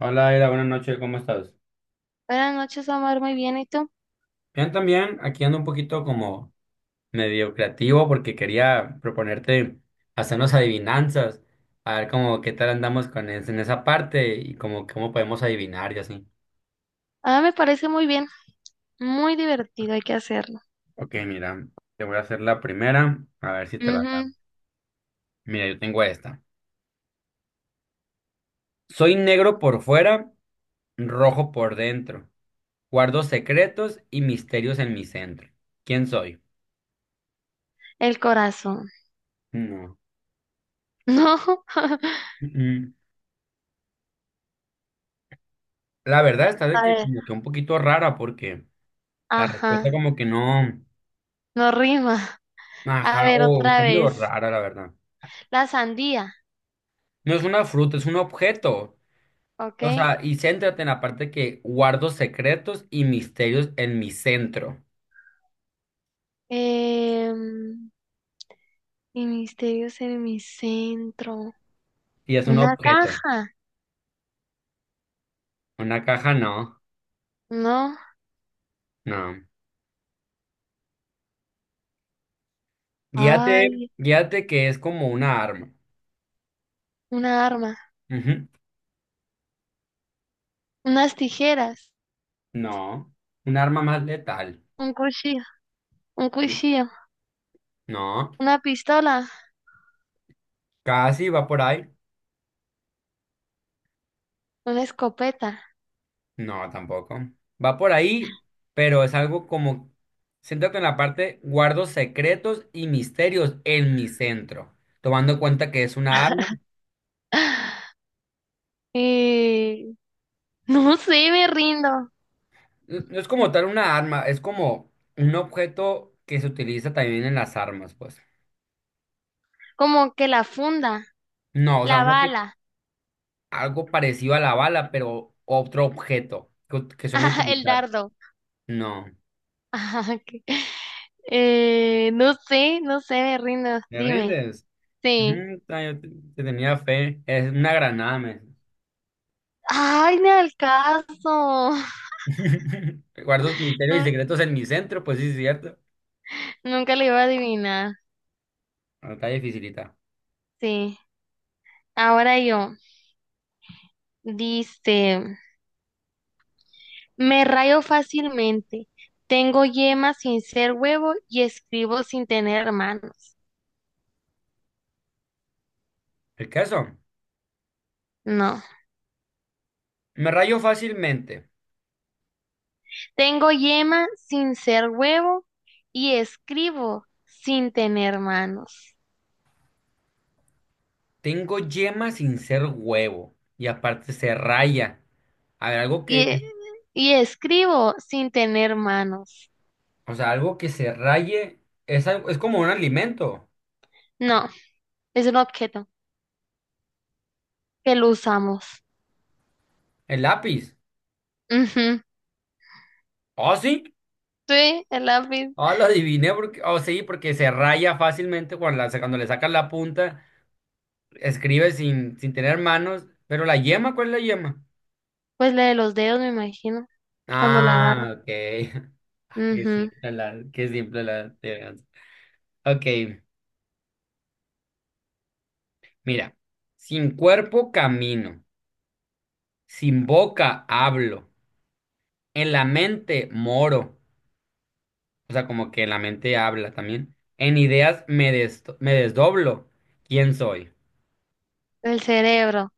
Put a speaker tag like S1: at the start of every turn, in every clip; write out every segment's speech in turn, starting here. S1: Hola, Aira, buenas noches, ¿cómo estás?
S2: Buenas noches, Omar. Muy bien. ¿Y tú?
S1: Bien, también, aquí ando un poquito como medio creativo porque quería proponerte hacernos adivinanzas, a ver como qué tal andamos con en esa parte y como cómo podemos adivinar y así.
S2: Ah, me parece muy bien. Muy divertido. Hay que hacerlo.
S1: Ok, mira, te voy a hacer la primera, a ver si te la da.
S2: Ujú.
S1: Mira, yo tengo esta. Soy negro por fuera, rojo por dentro. Guardo secretos y misterios en mi centro. ¿Quién soy?
S2: El corazón.
S1: No.
S2: No.
S1: Mm, mm. La verdad está de
S2: A
S1: que
S2: ver.
S1: como que un poquito rara porque... La
S2: Ajá.
S1: respuesta como que no,
S2: No rima. A
S1: ajá,
S2: ver,
S1: o
S2: otra
S1: está medio
S2: vez.
S1: rara, la verdad.
S2: La sandía.
S1: No es una fruta, es un objeto.
S2: Ok.
S1: O sea, y céntrate en la parte que guardo secretos y misterios en mi centro.
S2: Em, y misterios en mi centro.
S1: Y es un
S2: Una
S1: objeto.
S2: caja.
S1: Una caja no,
S2: No.
S1: no. Guíate,
S2: Ay,
S1: guíate que es como una arma.
S2: una arma.
S1: Ujú.
S2: Unas tijeras.
S1: No, un arma más letal.
S2: Un cuchillo. Un cuchillo.
S1: No,
S2: Una pistola.
S1: casi va por ahí.
S2: Una escopeta.
S1: No, tampoco. Va por ahí, pero es algo como, siéntate en la parte, guardo secretos y misterios en mi centro, tomando en cuenta que es una arma.
S2: Y no sé, me rindo.
S1: No es como tal una arma, es como un objeto que se utiliza también en las armas, pues.
S2: Como que la funda,
S1: No, o sea,
S2: la
S1: un objeto,
S2: bala,
S1: algo parecido a la bala, pero otro objeto que, que suelen
S2: ah, el
S1: utilizar.
S2: dardo.
S1: No,
S2: Ah, ok. No sé, no sé, me rindo.
S1: ¿me
S2: Dime.
S1: rindes?
S2: Sí.
S1: Ujú, te tenía fe. Es una granada, me.
S2: Ay, ni al caso.
S1: Guardo misterios y
S2: Nu-
S1: secretos en mi centro, pues sí, es cierto.
S2: Nunca le iba a adivinar.
S1: No, está dificilita.
S2: Sí. Ahora yo. Dice, me rayo fácilmente. Tengo yema sin ser huevo y escribo sin tener manos.
S1: El caso,
S2: No.
S1: me rayo fácilmente.
S2: Tengo yema sin ser huevo y escribo sin tener manos.
S1: Tengo yema sin ser huevo. Y aparte se raya. A ver, algo
S2: Y,
S1: que,
S2: y escribo sin tener manos.
S1: o sea, algo que se raye es, es como un alimento.
S2: No, es un objeto que lo usamos.
S1: El lápiz.
S2: Ujú.
S1: ¿Oh, sí?
S2: Sí, el lápiz.
S1: Ah, lo adiviné porque, oh, sí, porque se raya fácilmente cuando, cuando le sacas la punta. Escribe sin tener manos. Pero la yema, ¿cuál es la yema?
S2: Pues la de los dedos, me imagino, cuando la agarra.
S1: Ah, ok. Ay, qué
S2: Ujú.
S1: simple la, qué simple la adivinanza. Ok, mira. Sin cuerpo camino, sin boca hablo, en la mente moro, o sea, como que en la mente habla también. En ideas me, me desdoblo. ¿Quién soy?
S2: El cerebro,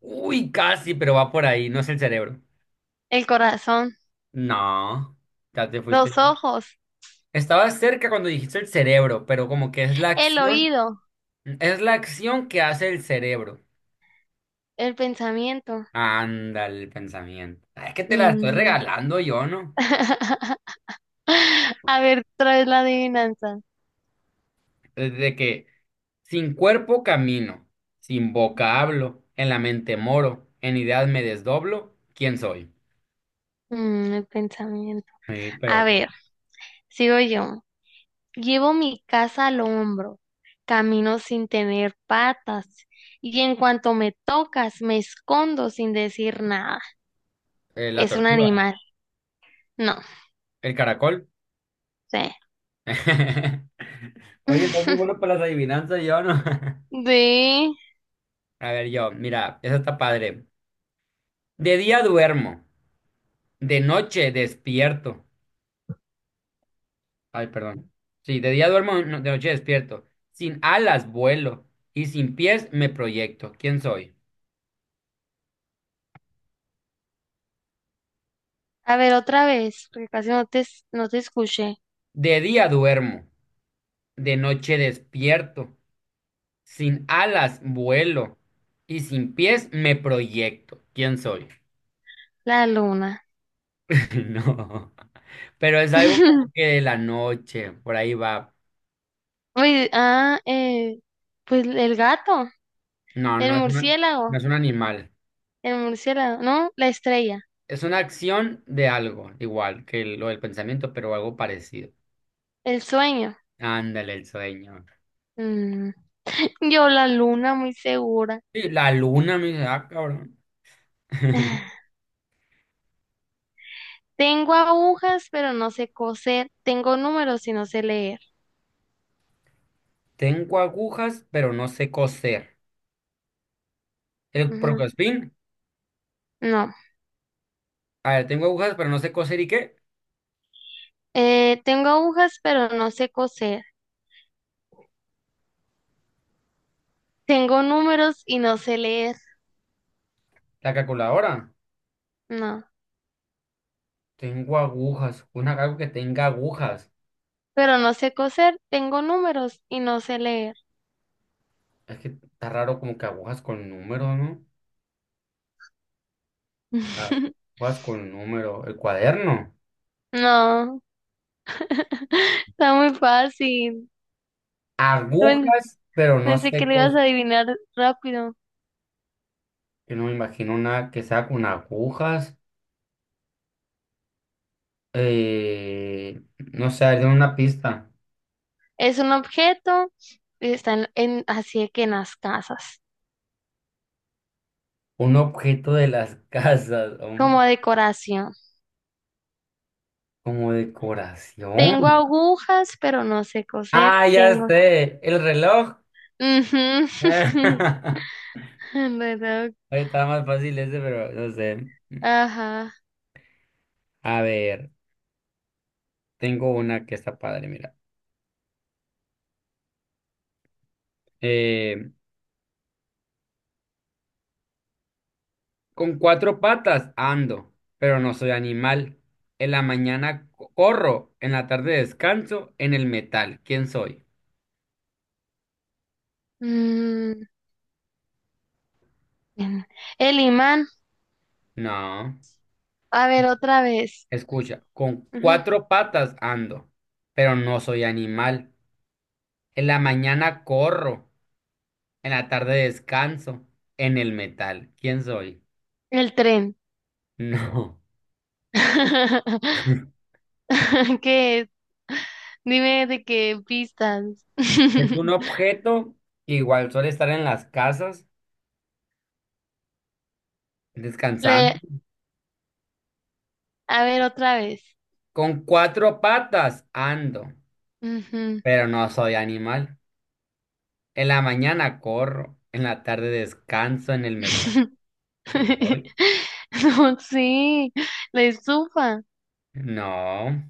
S1: Uy, casi, pero va por ahí, no es el cerebro.
S2: el corazón,
S1: No, ya te
S2: los
S1: fuiste.
S2: ojos,
S1: Estaba cerca cuando dijiste el cerebro, pero como que
S2: el oído,
S1: es la acción que hace el cerebro.
S2: el pensamiento.
S1: Anda el pensamiento. Ah, es que te la estoy
S2: Mm.
S1: regalando yo, ¿no?
S2: A ver, traes la adivinanza.
S1: Desde que sin cuerpo camino, sin boca hablo, en la mente moro, en ideas me desdoblo, ¿quién soy?
S2: Mm, el pensamiento.
S1: Sí,
S2: A
S1: pero pues,
S2: ver, sigo yo. Llevo mi casa al hombro, camino sin tener patas, y en cuanto me tocas, me escondo sin decir nada.
S1: la
S2: Es un
S1: tortuga,
S2: animal. No,
S1: el caracol.
S2: sé.
S1: Oye, estoy muy bueno para las adivinanzas, yo, ¿no?
S2: De...
S1: A ver, yo, mira, eso está padre. De día duermo, de noche despierto. Ay, perdón. Sí, de día duermo, de noche despierto. Sin alas vuelo y sin pies me proyecto. ¿Quién soy?
S2: A ver, otra vez, porque casi no te, no te escuché.
S1: De día duermo, de noche despierto. Sin alas vuelo y sin pies me proyecto. ¿Quién soy?
S2: La luna.
S1: No. Pero es algo como que de la noche, por ahí va.
S2: Uy, ah, pues el gato,
S1: No,
S2: el
S1: no
S2: murciélago,
S1: es un animal.
S2: el murciélago, no, la estrella,
S1: Es una acción de algo, igual que lo del pensamiento, pero algo parecido.
S2: el sueño.
S1: Ándale, el sueño.
S2: Mm. Yo la luna, muy segura.
S1: Sí, la luna me dice, ah, cabrón.
S2: Tengo agujas, pero no sé coser. Tengo números y no sé leer.
S1: Tengo agujas, pero no sé coser. El
S2: Ujú.
S1: Procospin.
S2: No.
S1: A ver, tengo agujas, pero no sé coser. ¿Y qué?
S2: Tengo agujas, pero no sé coser. Tengo números y no sé leer.
S1: La calculadora.
S2: No.
S1: Tengo agujas. Una algo que tenga agujas.
S2: Pero no sé coser. Tengo números y no sé leer.
S1: Es que está raro como que agujas con número, ¿no? Ah, agujas con número. El cuaderno.
S2: No. Está muy fácil. Bueno,
S1: Agujas, pero no
S2: pensé que
S1: sé
S2: lo ibas
S1: coser.
S2: a adivinar rápido.
S1: Yo no me imagino una que sea con agujas. Eh, no sé, a una pista.
S2: Es un objeto y está en, así de que en las casas,
S1: Un objeto de las casas.
S2: como decoración.
S1: Como decoración.
S2: Tengo agujas, pero no sé coser.
S1: Ah, ya
S2: Tengo.
S1: sé. El reloj.
S2: Ujú.
S1: Ahí
S2: Reloj.
S1: estaba más fácil ese, pero no sé.
S2: Ajá.
S1: A ver, tengo una que está padre, mira. Eh, con cuatro patas ando, pero no soy animal. En la mañana corro, en la tarde descanso, en el metal. ¿Quién soy?
S2: Mm, bien. El imán.
S1: No.
S2: A ver, otra vez.
S1: Escucha, con
S2: Ujú.
S1: cuatro patas ando, pero no soy animal. En la mañana corro. En la tarde descanso en el metal. ¿Quién soy?
S2: El tren.
S1: No.
S2: ¿Qué es? Dime de qué pistas.
S1: Es un objeto que igual suele estar en las casas
S2: Le-
S1: descansando.
S2: A ver, otra vez.
S1: Con cuatro patas ando,
S2: Ujú.
S1: pero no soy animal. En la mañana corro, en la tarde descanso en el metal. ¿Quién soy?
S2: No, sí. La estufa.
S1: No.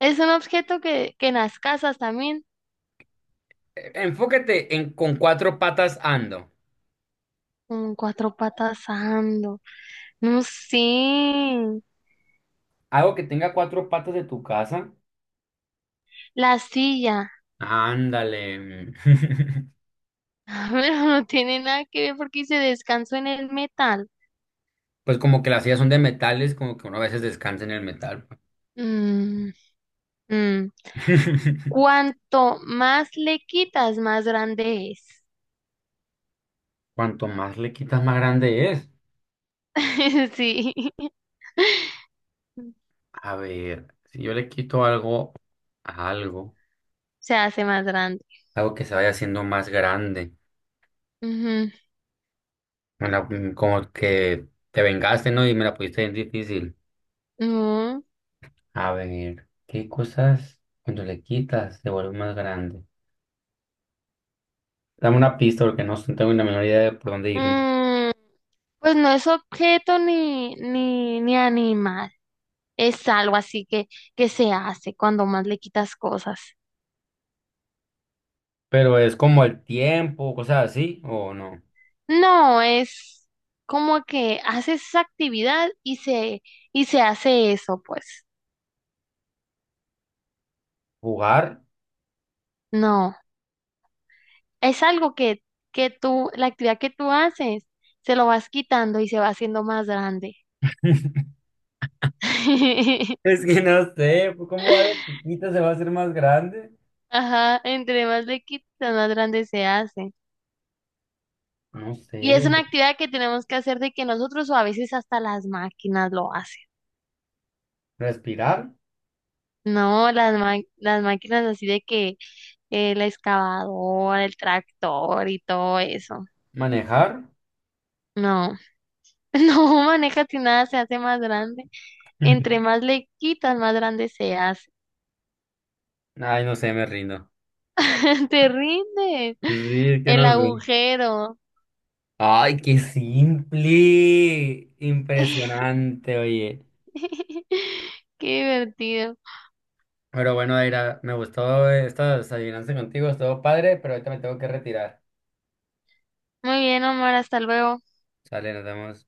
S2: Es un objeto que en las casas también.
S1: Enfócate en con cuatro patas ando.
S2: Con cuatro patas ando. No sé,
S1: Algo que tenga cuatro patas de tu casa.
S2: la silla.
S1: Ándale.
S2: Pero no tiene nada que ver porque dice descanso en el metal.
S1: Pues como que las sillas son de metales, como que uno a veces descansa en el metal. Pues.
S2: Mm, mm. Cuanto más le quitas, más grande es.
S1: Cuanto más le quitas, más grande es.
S2: Sí,
S1: A ver, si yo le quito algo a algo,
S2: se hace más grande.
S1: algo que se vaya haciendo más grande,
S2: Ujú.
S1: como que te vengaste, ¿no? Y me la pusiste bien difícil.
S2: No.
S1: A ver, ¿qué cosas cuando le quitas se vuelve más grande? Dame una pista porque no tengo ni la menor idea de por dónde irme.
S2: Mm, pues no es objeto ni, ni, ni animal. Es algo así que se hace cuando más le quitas cosas.
S1: Pero es como el tiempo, cosas así, ¿o no?
S2: No, es como que hace esa actividad y se hace eso, pues.
S1: ¿Jugar?
S2: No, es algo que tú, la actividad que tú haces, se lo vas quitando y se va haciendo más grande.
S1: Es que no sé, pues, ¿cómo algo chiquito se va a hacer más grande?
S2: Ajá, entre más le quitas, más grande se hace.
S1: No sé,
S2: Y es una actividad que tenemos que hacer de que nosotros o a veces hasta las máquinas lo hacen.
S1: respirar,
S2: No, las, las máquinas así de que la excavadora, el tractor y todo eso.
S1: manejar.
S2: No. No, maneja si nada se hace más grande. Entre más le quitas, más grande se hace.
S1: Ay, no sé, me rindo.
S2: Te rindes.
S1: Sí, es que
S2: El
S1: no sé.
S2: agujero.
S1: Ay, qué simple. Impresionante, oye.
S2: Qué divertido.
S1: Pero bueno, Aira, me gustó esta adivinanza contigo, estuvo padre, pero ahorita me tengo que retirar.
S2: Muy bien, Omar, hasta luego.
S1: Sale, nos vemos.